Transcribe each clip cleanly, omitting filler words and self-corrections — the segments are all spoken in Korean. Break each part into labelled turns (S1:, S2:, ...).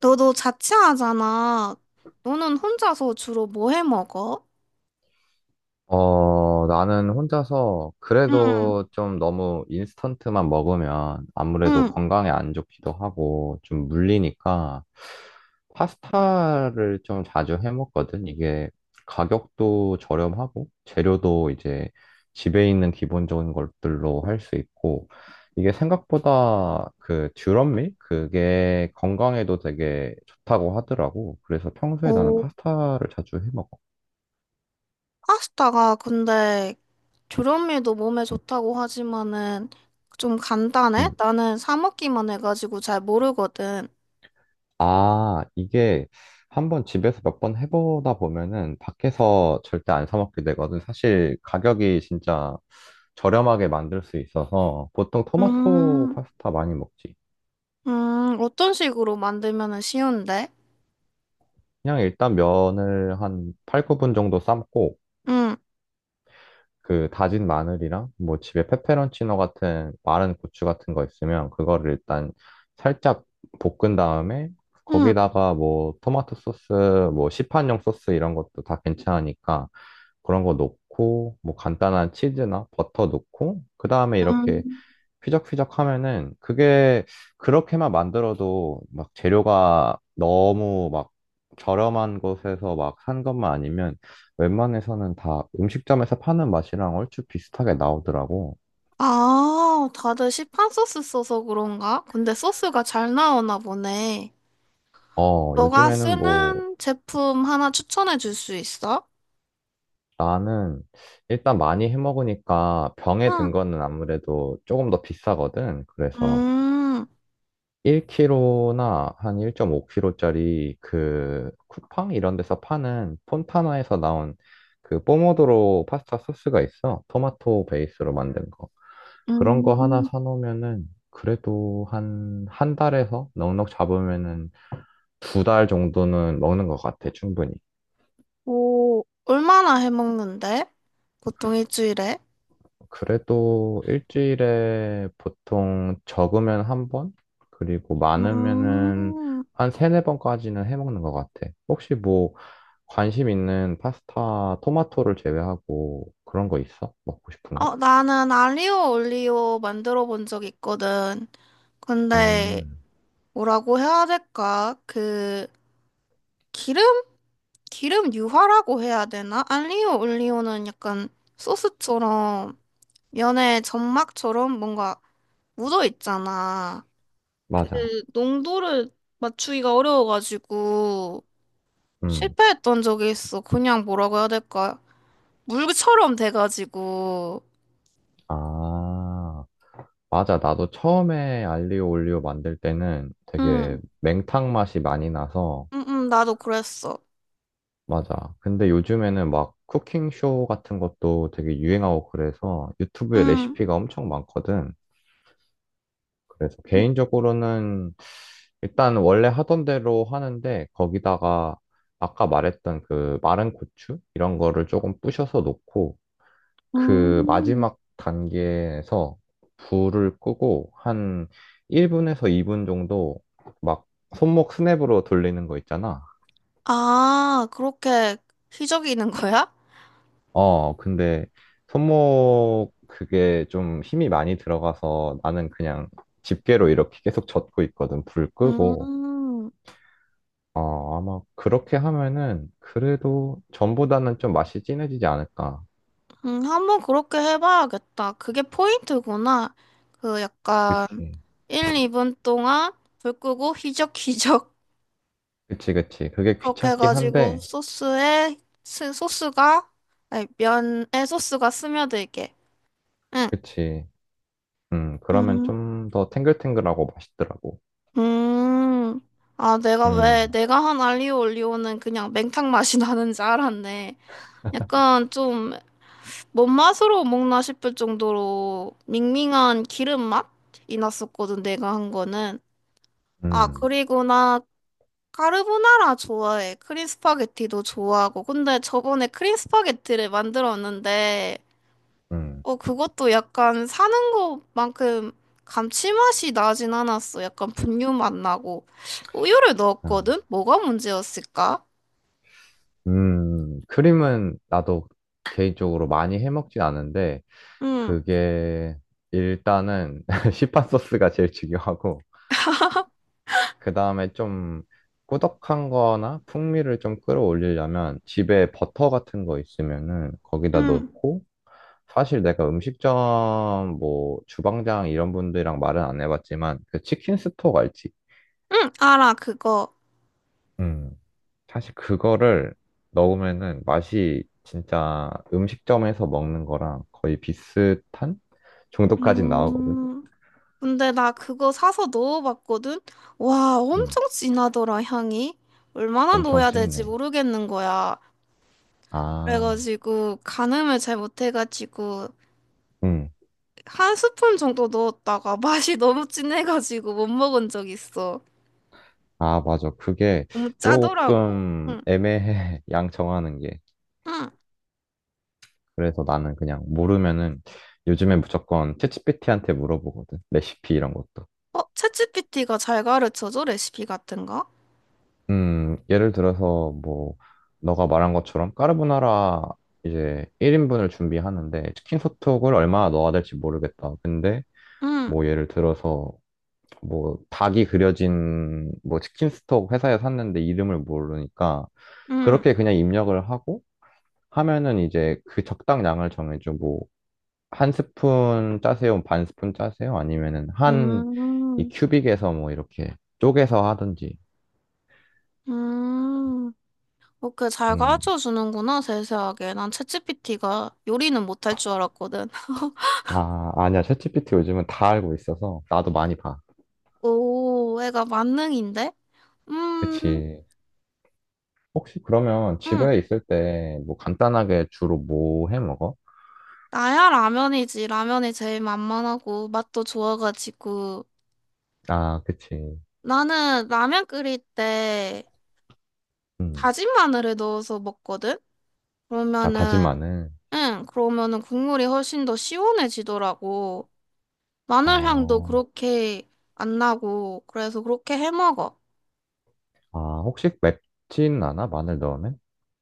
S1: 너도 자취하잖아. 너는 혼자서 주로 뭐 해 먹어?
S2: 어, 나는 혼자서
S1: 응,
S2: 그래도 좀 너무 인스턴트만 먹으면 아무래도
S1: 응.
S2: 건강에 안 좋기도 하고 좀 물리니까 파스타를 좀 자주 해 먹거든. 이게 가격도 저렴하고 재료도 이제 집에 있는 기본적인 것들로 할 수 있고 이게 생각보다 그 듀럼밀? 그게 건강에도 되게 좋다고 하더라고. 그래서 평소에 나는
S1: 오,
S2: 파스타를 자주 해 먹어.
S1: 파스타가 근데 조련미도 몸에 좋다고 하지만은 좀 간단해?
S2: 응.
S1: 나는 사 먹기만 해가지고 잘 모르거든.
S2: 아, 이게 한번 집에서 몇 번 해보다 보면은 밖에서 절대 안 사 먹게 되거든. 사실 가격이 진짜 저렴하게 만들 수 있어서 보통 토마토
S1: 음,
S2: 파스타 많이 먹지.
S1: 어떤 식으로 만들면은 쉬운데?
S2: 그냥 일단 면을 한 8, 9분 정도 삶고
S1: 응,
S2: 그 다진 마늘이랑 뭐 집에 페페론치노 같은 마른 고추 같은 거 있으면 그거를 일단 살짝 볶은 다음에
S1: 응,
S2: 거기다가 뭐 토마토 소스, 뭐 시판용 소스 이런 것도 다 괜찮으니까 그런 거 넣고 뭐 간단한 치즈나 버터 넣고 그 다음에
S1: 응.
S2: 이렇게 휘적휘적 하면은 그게 그렇게만 만들어도 막 재료가 너무 막 저렴한 곳에서 막 산 것만 아니면 웬만해서는 다 음식점에서 파는 맛이랑 얼추 비슷하게 나오더라고.
S1: 아, 다들 시판 소스 써서 그런가? 근데 소스가 잘 나오나 보네.
S2: 어,
S1: 너가
S2: 요즘에는 뭐.
S1: 쓰는 제품 하나 추천해 줄 수 있어?
S2: 나는 일단 많이 해 먹으니까 병에 든
S1: 응.
S2: 거는 아무래도 조금 더 비싸거든. 그래서
S1: 음,
S2: 1kg나 한 1.5kg짜리 그 쿠팡 이런 데서 파는 폰타나에서 나온 그 포모도로 파스타 소스가 있어. 토마토 베이스로 만든 거. 그런 거 하나
S1: 음,
S2: 사놓으면은 그래도 한, 한 달에서 넉넉 잡으면은 두 달 정도는 먹는 것 같아, 충분히.
S1: 뭐, 얼마나 해 먹는데? 보통 일주일에?
S2: 그래도 일주일에 보통 적으면 한 번? 그리고 많으면은
S1: 음,
S2: 한 세네 번까지는 해먹는 것 같아. 혹시 뭐 관심 있는 파스타, 토마토를 제외하고 그런 거 있어? 먹고 싶은 거?
S1: 어, 나는 알리오 올리오 만들어 본 적 있거든. 근데,
S2: 음,
S1: 뭐라고 해야 될까? 그, 기름? 기름 유화라고 해야 되나? 알리오 올리오는 약간 소스처럼, 면에 점막처럼 뭔가 묻어 있잖아. 그
S2: 맞아.
S1: 농도를 맞추기가 어려워가지고
S2: 음,
S1: 실패했던 적이 있어. 그냥 뭐라고 해야 될까? 물처럼 돼가지고.
S2: 아, 맞아. 나도 처음에 알리오 올리오 만들 때는
S1: 응,
S2: 되게 맹탕 맛이 많이 나서.
S1: 응, 응, 나도 그랬어.
S2: 맞아. 근데 요즘에는 막 쿠킹쇼 같은 것도 되게 유행하고 그래서 유튜브에
S1: 응.
S2: 레시피가 엄청 많거든. 그래서
S1: 응.
S2: 개인적으로는 일단 원래 하던 대로 하는데 거기다가 아까 말했던 그 마른 고추 이런 거를 조금 부셔서 넣고 그
S1: 음.
S2: 마지막 단계에서 불을 끄고 한 1분에서 2분 정도 막 손목 스냅으로 돌리는 거 있잖아.
S1: 아, 그렇게 휘저기는 거야?
S2: 어, 근데 손목 그게 좀 힘이 많이 들어가서 나는 그냥 집게로 이렇게 계속 젓고 있거든. 불 끄고.
S1: 음,
S2: 어, 아마 그렇게 하면은 그래도 전보다는 좀 맛이 진해지지 않을까.
S1: 한번 그렇게 해봐야겠다. 그게 포인트구나. 그 약간
S2: 그치.
S1: 1, 2분 동안 불 끄고 휘적휘적
S2: 그치, 그치. 그게
S1: 그렇게
S2: 귀찮긴
S1: 해가지고
S2: 한데.
S1: 소스에 소스가 아니, 면에 소스가 스며들게. 응.
S2: 그치. 그러면
S1: 음.
S2: 좀 더 탱글탱글하고 맛있더라고.
S1: 음. 아, 내가
S2: 음,
S1: 왜 내가 한 알리오 올리오는 그냥 맹탕 맛이 나는 줄 알았네. 약간 좀 뭔 맛으로 먹나 싶을 정도로 밍밍한 기름 맛이 났었거든, 내가 한 거는. 아,
S2: 음,
S1: 그리고 나 카르보나라 좋아해. 크림 스파게티도 좋아하고. 근데 저번에 크림 스파게티를 만들었는데
S2: 음.
S1: 어, 그것도 약간 사는 것만큼 감칠맛이 나진 않았어. 약간 분유 맛 나고. 우유를
S2: 아,
S1: 넣었거든? 뭐가 문제였을까?
S2: 크림은 나도 개인적으로 많이 해먹진 않은데,
S1: 응,
S2: 그게 일단은 시판 소스가 제일 중요하고 그 다음에 좀 꾸덕한 거나 풍미를 좀 끌어올리려면 집에 버터 같은 거 있으면은 거기다
S1: 응,
S2: 넣고 사실 내가 음식점 뭐 주방장 이런 분들이랑 말은 안 해봤지만 그 치킨 스톡 알지?
S1: 응, 알아, 그거.
S2: 음. 사실 그거를 넣으면은 맛이 진짜 음식점에서 먹는 거랑 거의 비슷한 정도까지 나오거든.
S1: 음, 근데 나 그거 사서 넣어봤거든? 와,
S2: 음.
S1: 엄청 진하더라, 향이. 얼마나
S2: 엄청
S1: 넣어야 될지
S2: 진해.
S1: 모르겠는 거야.
S2: 아,
S1: 그래가지고 가늠을 잘 못해가지고
S2: 음.
S1: 한 스푼 정도 넣었다가 맛이 너무 진해가지고 못 먹은 적 있어.
S2: 아, 맞아. 그게
S1: 너무 짜더라고.
S2: 조금
S1: 응,
S2: 애매해. 양 정하는 게.
S1: 응.
S2: 그래서 나는 그냥 모르면은 요즘에 무조건 챗GPT한테 물어보거든. 레시피 이런 것도.
S1: 어, 챗GPT가 잘 가르쳐줘, 레시피 같은 거?
S2: 예를 들어서 뭐 너가 말한 것처럼 까르보나라 이제 1인분을 준비하는데 치킨 소톡을 얼마나 넣어야 될지 모르겠다. 근데
S1: 응,
S2: 뭐 예를 들어서 뭐 닭이 그려진 뭐 치킨 스톡 회사에 샀는데 이름을 모르니까
S1: 응,
S2: 그렇게 그냥 입력을 하고 하면은 이제 그 적당량을 정해줘. 뭐, 한 스푼 짜세요? 반 스푼 짜세요? 아니면은 한 이
S1: 음,
S2: 큐빅에서 뭐 이렇게 쪼개서 하든지.
S1: 음. 그렇게 잘
S2: 음.
S1: 가르쳐 주는구나, 세세하게. 난 챗GPT가 요리는 못할 줄 알았거든.
S2: 아, 아니야. 챗GPT 요즘은 다 알고 있어서 나도 많이 봐.
S1: 오, 애가 만능인데? 음,
S2: 그치. 혹시 그러면
S1: 음.
S2: 집에 있을 때 뭐 간단하게 주로 뭐 해 먹어?
S1: 나야 라면이지. 라면이 제일 만만하고 맛도 좋아가지고.
S2: 아, 그치.
S1: 나는 라면 끓일 때
S2: 음.
S1: 다진 마늘을 넣어서 먹거든?
S2: 아,
S1: 그러면은
S2: 다진 마늘.
S1: 응, 그러면은 국물이 훨씬 더 시원해지더라고. 마늘 향도
S2: 어.
S1: 그렇게 안 나고, 그래서 그렇게 해 먹어.
S2: 아, 혹시 맵진 않아? 마늘 넣으면?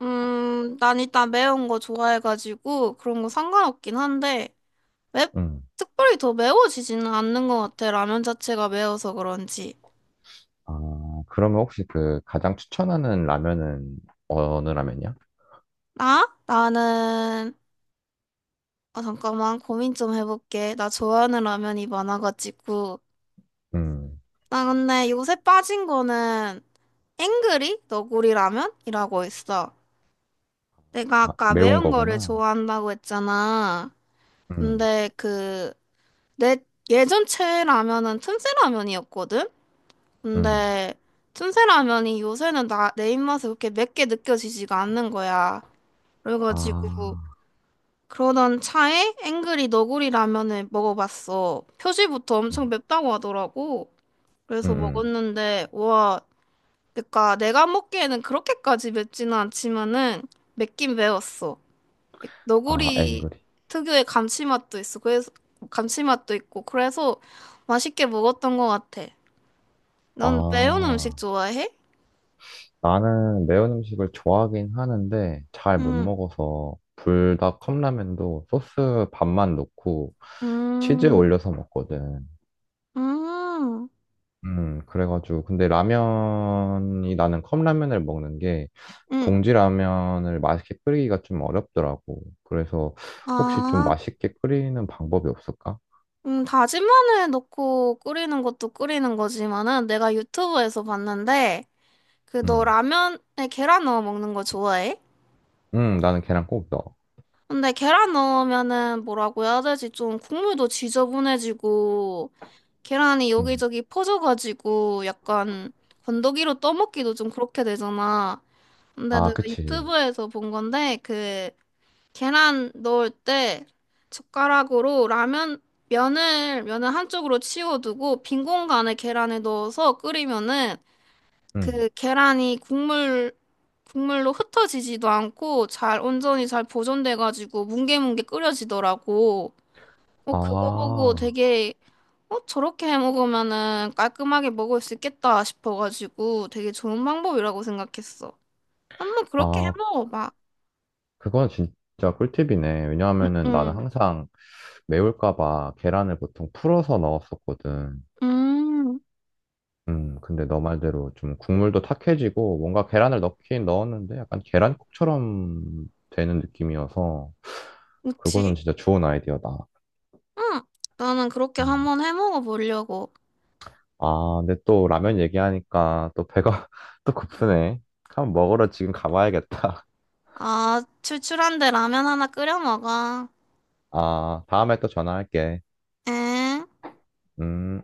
S1: 난 일단 매운 거 좋아해가지고 그런 거 상관없긴 한데, 맵,
S2: 음.
S1: 특별히 더 매워지지는 않는 것 같아. 라면 자체가 매워서 그런지.
S2: 아, 그러면 혹시 그 가장 추천하는 라면은 어느 라면이야?
S1: 나? 나는, 아, 잠깐만, 고민 좀 해볼게. 나 좋아하는 라면이 많아가지고.
S2: 음,
S1: 나 근데 요새 빠진 거는 앵그리 너구리 라면이라고 있어. 내가
S2: 아,
S1: 아까
S2: 매운
S1: 매운 거를
S2: 거구나.
S1: 좋아한다고 했잖아.
S2: 음,
S1: 근데 그, 내 예전 최애라면은 틈새라면이었거든?
S2: 음,
S1: 근데 틈새라면이 요새는 내 입맛에 그렇게 맵게 느껴지지가 않는 거야. 그래가지고,
S2: 아,
S1: 그러던 차에 앵그리 너구리 라면을 먹어봤어. 표지부터 엄청
S2: 음,
S1: 맵다고 하더라고.
S2: 음,
S1: 그래서
S2: 음.
S1: 먹었는데, 와, 그니까 내가 먹기에는 그렇게까지 맵지는 않지만은 맵긴 매웠어.
S2: 아,
S1: 너구리
S2: 앵그리.
S1: 특유의 감칠맛도 있어. 그래서 감칠맛도 있고 그래서 맛있게 먹었던 것 같아. 넌 매운 음식
S2: 아,
S1: 좋아해?
S2: 나는 매운 음식을 좋아하긴 하는데 잘 못
S1: 음,
S2: 먹어서 불닭 컵라면도 소스 반만 넣고 치즈
S1: 음,
S2: 올려서 먹거든.
S1: 음,
S2: 그래가지고 근데 라면이 나는 컵라면을 먹는 게
S1: 음.
S2: 봉지 라면을 맛있게 끓이기가 좀 어렵더라고. 그래서 혹시 좀
S1: 아,
S2: 맛있게 끓이는 방법이 없을까?
S1: 다진 마늘 넣고 끓이는 것도 끓이는 거지만은 내가 유튜브에서 봤는데 그 너
S2: 음,
S1: 라면에 계란 넣어 먹는 거 좋아해?
S2: 나는 계란 꼭 넣어.
S1: 근데 계란 넣으면은 뭐라고 해야 되지? 좀 국물도 지저분해지고 계란이
S2: 음,
S1: 여기저기 퍼져가지고 약간 건더기로 떠먹기도 좀 그렇게 되잖아. 근데
S2: 아,
S1: 내가
S2: 그치.
S1: 유튜브에서 본 건데 그 계란 넣을 때 젓가락으로 라면 면을 한쪽으로 치워두고 빈 공간에 계란을 넣어서 끓이면은
S2: 음,
S1: 그 계란이 국물로 흩어지지도 않고 잘 온전히 잘 보존돼가지고 뭉게뭉게 끓여지더라고. 그거 보고
S2: 아,
S1: 되게 저렇게 해 먹으면은 깔끔하게 먹을 수 있겠다 싶어가지고 되게 좋은 방법이라고 생각했어. 한번 그렇게 해
S2: 아,
S1: 먹어봐.
S2: 그건 진짜 꿀팁이네.
S1: 응,
S2: 왜냐하면은 나는
S1: 응,
S2: 항상 매울까 봐 계란을 보통 풀어서 넣었었거든.
S1: 음,
S2: 근데 너 말대로 좀 국물도 탁해지고 뭔가 계란을 넣긴 넣었는데 약간 계란국처럼 되는 느낌이어서 그거는
S1: 그치?
S2: 진짜 좋은 아이디어다.
S1: 응, 나는 그렇게
S2: 음.
S1: 한번 해 먹어보려고.
S2: 아, 근데 또 라면 얘기하니까 또 배가 또 고프네. 한번 먹으러 지금 가봐야겠다.
S1: 아, 출출한데 라면 하나 끓여 먹어.
S2: 아, 다음에 또 전화할게.
S1: 에?
S2: 음.